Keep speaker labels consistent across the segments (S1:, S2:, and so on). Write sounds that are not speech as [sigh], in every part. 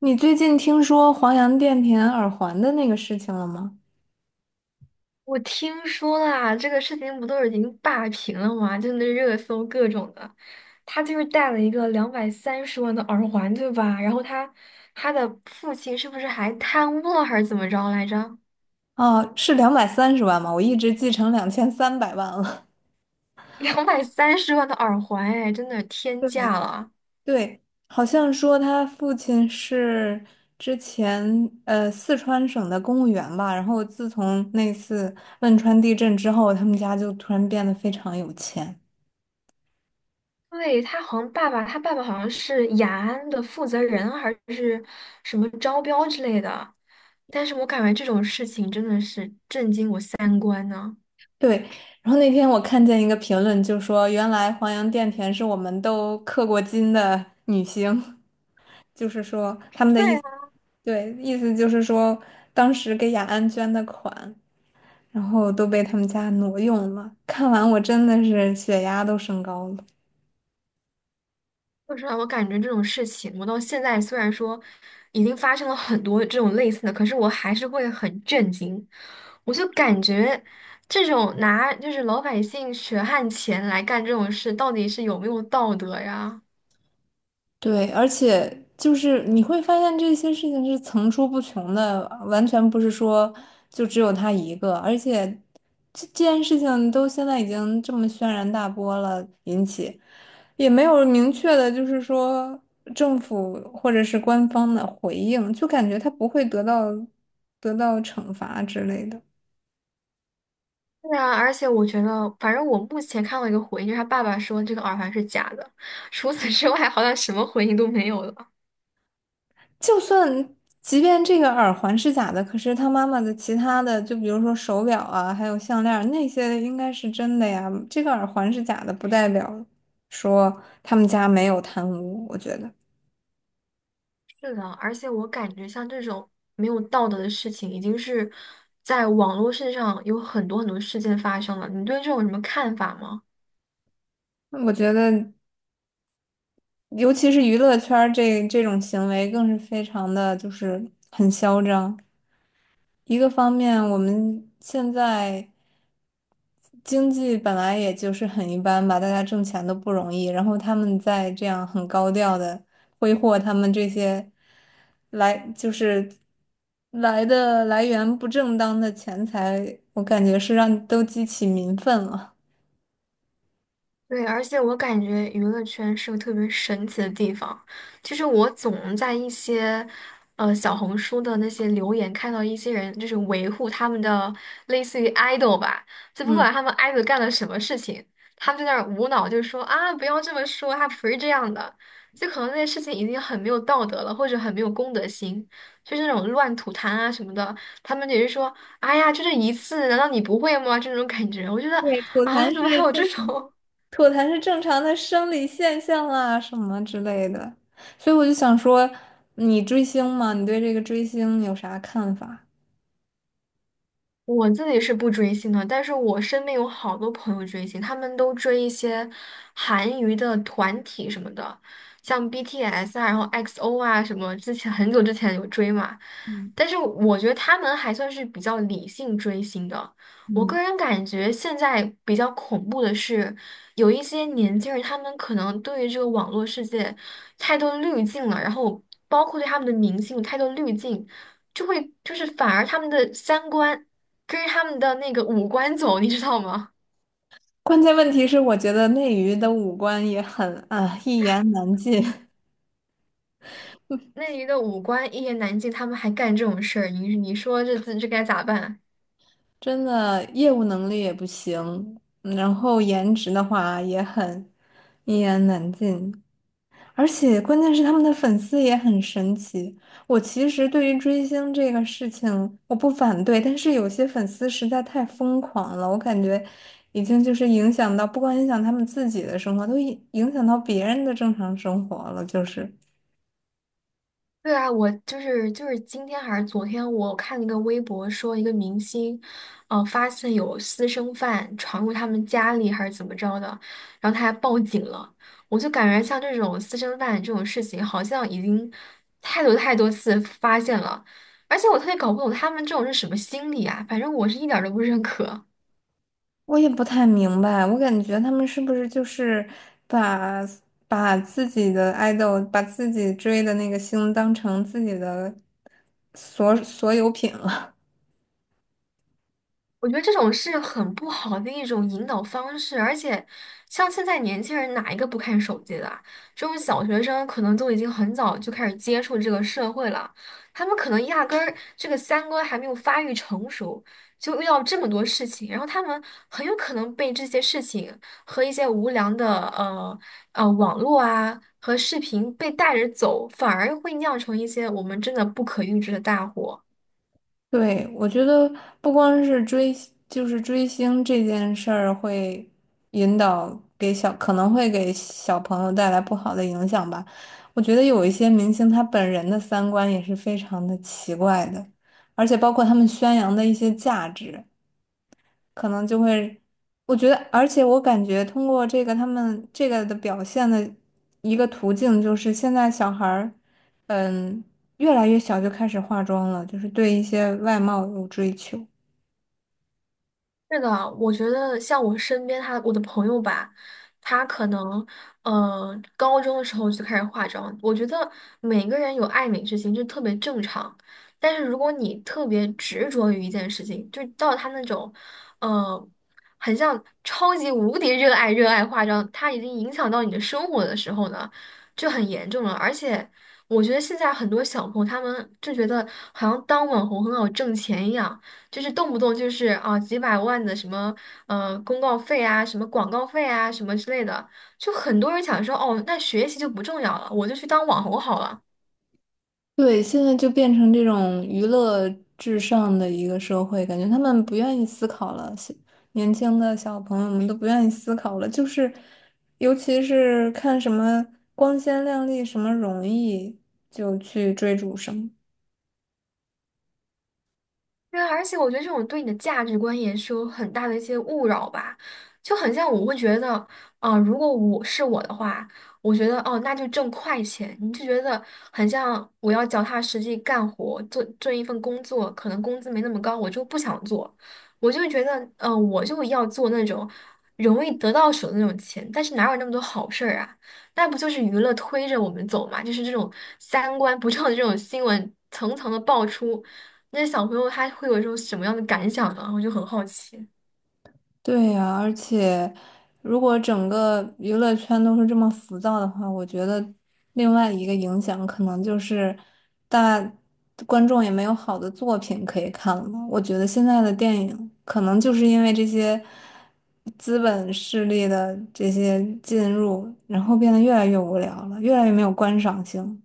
S1: 你最近听说黄洋钿甜耳环的那个事情了吗？
S2: 我听说啦，这个事情不都已经霸屏了吗？就那热搜各种的，他就是戴了一个两百三十万的耳环，对吧？然后他的父亲是不是还贪污了还是怎么着来着？
S1: 哦，是230万吗？我一直记成2300万了。
S2: [laughs] 两百三十万的耳环，哎，真的
S1: [laughs]
S2: 天价
S1: 对
S2: 了。
S1: 对，好像说他父亲是之前四川省的公务员吧，然后自从那次汶川地震之后，他们家就突然变得非常有钱。
S2: 对，他好像爸爸，他爸爸好像是雅安的负责人还是什么招标之类的，但是我感觉这种事情真的是震惊我三观呢。
S1: 对，然后那天我看见一个评论，就说原来黄洋钿甜是我们都刻过金的女星，[laughs] 就是说。对，意思就是说，当时给雅安捐的款，然后都被他们家挪用了。看完我真的是血压都升高了。
S2: 说实话，我感觉这种事情，我到现在虽然说已经发生了很多这种类似的，可是我还是会很震惊。我就感觉这种拿就是老百姓血汗钱来干这种事，到底是有没有道德呀？
S1: 对，而且就是你会发现这些事情是层出不穷的，完全不是说就只有他一个。而且这件事情都现在已经这么轩然大波了，引起也没有明确的，就是说政府或者是官方的回应，就感觉他不会得到惩罚之类的。
S2: 对啊，而且我觉得，反正我目前看到一个回应，就是他爸爸说这个耳环是假的，除此之外，好像什么回应都没有了。
S1: 就算即便这个耳环是假的，可是他妈妈的其他的，就比如说手表啊，还有项链儿那些应该是真的呀。这个耳环是假的，不代表说他们家没有贪污。我觉得，
S2: 是的，而且我感觉像这种没有道德的事情，已经是在网络世上有很多很多事件发生了。你对这种有什么看法吗？
S1: 我觉得，尤其是娱乐圈儿这种行为，更是非常的就是很嚣张。一个方面，我们现在，经济本来也就是很一般吧，大家挣钱都不容易，然后他们在这样很高调的挥霍他们这些来就是来的来源不正当的钱财，我感觉是让都激起民愤了。
S2: 对，而且我感觉娱乐圈是个特别神奇的地方。就是我总在一些，小红书的那些留言看到一些人就是维护他们的类似于 idol 吧，就不
S1: 嗯，
S2: 管他们 idol 干了什么事情，他们在那儿无脑就说啊，不要这么说，他不是这样的。就可能那些事情已经很没有道德了，或者很没有公德心，就是那种乱吐痰啊什么的，他们也是说，哎呀，就这一次，难道你不会吗？这种感觉，我觉得
S1: 对，
S2: 啊，怎么还有这种？
S1: 吐痰是正常的生理现象啊，什么之类的。所以我就想说，你追星吗？你对这个追星有啥看法？
S2: 我自己是不追星的，但是我身边有好多朋友追星，他们都追一些韩娱的团体什么的，像 BTS 啊，然后 XO 啊什么，之前很久之前有追嘛。
S1: 嗯。
S2: 但是我觉得他们还算是比较理性追星的。我个
S1: 嗯。
S2: 人感觉现在比较恐怖的是，有一些年轻人他们可能对于这个网络世界太多滤镜了，然后包括对他们的明星有太多滤镜。就会就是反而他们的三观可是他们的那个五官走，你知道吗？
S1: 关键问题是，我觉得内娱的五官也很啊，一言难尽，
S2: 那里的五官一言难尽，他们还干这种事儿，你说这该咋办？
S1: [laughs] 真的业务能力也不行，然后颜值的话也很一言难尽，而且关键是他们的粉丝也很神奇。我其实对于追星这个事情我不反对，但是有些粉丝实在太疯狂了，我感觉已经就是影响到，不光影响他们自己的生活，都影响到别人的正常生活了，就是。
S2: 对啊，我就是今天还是昨天，我看了一个微博，说一个明星，发现有私生饭闯入他们家里还是怎么着的，然后他还报警了。我就感觉像这种私生饭这种事情，好像已经太多太多次发现了，而且我特别搞不懂他们这种是什么心理啊，反正我是一点儿都不认可。
S1: 我也不太明白，我感觉他们是不是就是把把自己的爱豆，把自己追的那个星当成自己的所有品了？
S2: 我觉得这种是很不好的一种引导方式，而且像现在年轻人哪一个不看手机的啊？这种小学生可能都已经很早就开始接触这个社会了，他们可能压根儿这个三观还没有发育成熟，就遇到这么多事情，然后他们很有可能被这些事情和一些无良的网络啊和视频被带着走，反而会酿成一些我们真的不可预知的大祸。
S1: [laughs] 对，我觉得不光是追，就是追星这件事儿会引导给可能会给小朋友带来不好的影响吧。我觉得有一些明星他本人的三观也是非常的奇怪的，而且包括他们宣扬的一些价值。可能就会，我觉得，而且我感觉通过这个他们这个的表现的一个途径，就是现在小孩儿，嗯，越来越小就开始化妆了，就是对一些外貌有追求。
S2: 是的，我觉得像我身边他我的朋友吧，他可能高中的时候就开始化妆。我觉得每个人有爱美之心，就特别正常。但是如果你特别执着于一件事情，就到他那种呃很像超级无敌热爱化妆，它已经影响到你的生活的时候呢，就很严重了。而且我觉得现在很多小朋友他们就觉得好像当网红很好挣钱一样。就是动不动就是啊几百万的什么公告费啊，什么广告费啊，什么之类的，就很多人想说哦，那学习就不重要了，我就去当网红好了。
S1: 对，现在就变成这种娱乐至上的一个社会，感觉他们不愿意思考了，小年轻的小朋友们都不愿意思考了，就是，尤其是看什么光鲜亮丽、什么容易，就去追逐什么。
S2: 对啊，而且我觉得这种对你的价值观也是有很大的一些误扰吧，就很像我会觉得，啊、如果我是我的话，我觉得哦，那就挣快钱，你就觉得很像我要脚踏实地干活，做做一份工作，可能工资没那么高，我就不想做，我就会觉得，嗯、我就要做那种容易得到手的那种钱，但是哪有那么多好事儿啊？那不就是娱乐推着我们走嘛？就是这种三观不正的这种新闻层层的爆出。那些小朋友他会有一种什么样的感想呢？我就很好奇。
S1: 对呀，而且如果整个娱乐圈都是这么浮躁的话，我觉得另外一个影响可能就是大观众也没有好的作品可以看了。我觉得现在的电影可能就是因为这些资本势力的这些进入，然后变得越来越无聊了，越来越没有观赏性。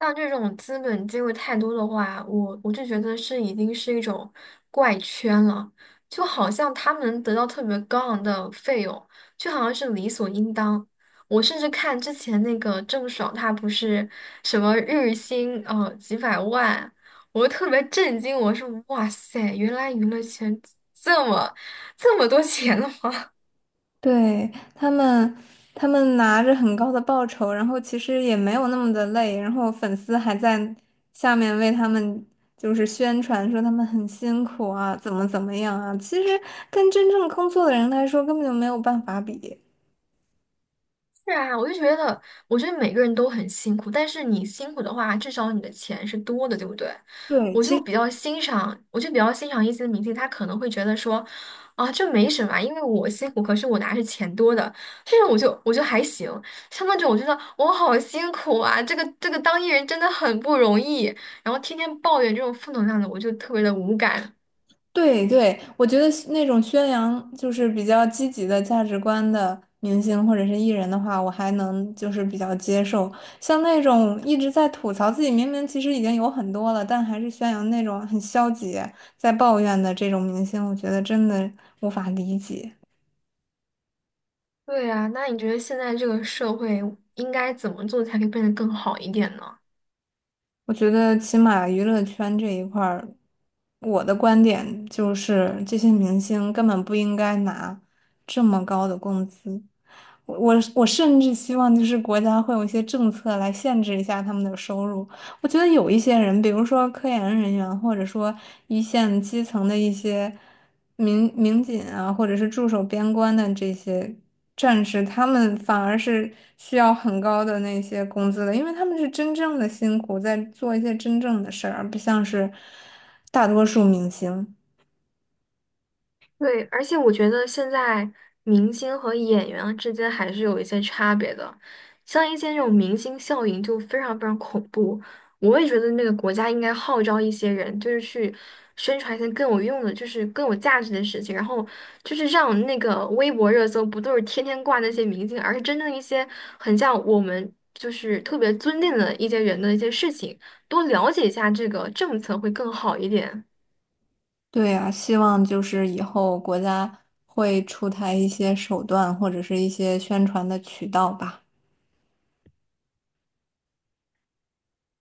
S2: 像这种资本介入太多的话，我就觉得是已经是一种怪圈了，就好像他们能得到特别高昂的费用，就好像是理所应当。我甚至看之前那个郑爽，她不是什么日薪几百万，我就特别震惊，我说哇塞，原来娱乐圈这么这么多钱了吗？
S1: 对，他们，他们拿着很高的报酬，然后其实也没有那么的累，然后粉丝还在下面为他们就是宣传说他们很辛苦啊，怎么怎么样啊，其实跟真正工作的人来说根本就没有办法比。
S2: 是啊，我就觉得，我觉得每个人都很辛苦，但是你辛苦的话，至少你的钱是多的，对不对？
S1: 对，
S2: 我就比较欣赏，我就比较欣赏一些明星，他可能会觉得说，啊，这没什么啊因为我辛苦，可是我拿着钱多的，这种我就还行。像那种我觉得我好辛苦啊，这个当艺人真的很不容易，然后天天抱怨这种负能量的，我就特别的无感。
S1: 对对，我觉得是那种宣扬就是比较积极的价值观的明星或者是艺人的话，我还能就是比较接受。像那种一直在吐槽自己明明其实已经有很多了，但还是宣扬那种很消极、在抱怨的这种明星，我觉得真的无法理解。
S2: 对啊，那你觉得现在这个社会应该怎么做才可以变得更好一点呢？
S1: 我觉得起码娱乐圈这一块儿，我的观点就是这些明星根本不应该拿这么高的工资。我甚至希望就是国家会有一些政策来限制一下他们的收入。我觉得有一些人，比如说科研人员，或者说一线基层的一些，民警啊，或者是驻守边关的这些战士，他们反而是需要很高的那些工资的，因为他们是真正的辛苦，在做一些真正的事儿，而不像是大多数明星。
S2: 对，而且我觉得现在明星和演员啊之间还是有一些差别的，像一些那种明星效应就非常非常恐怖。我也觉得那个国家应该号召一些人，就是去宣传一些更有用的，就是更有价值的事情，然后就是让那个微博热搜不都是天天挂那些明星，而是真正一些很像我们就是特别尊敬的一些人的一些事情，多了解一下这个政策会更好一点。
S1: 对啊，希望就是以后国家会出台一些手段，或者是一些宣传的渠道吧。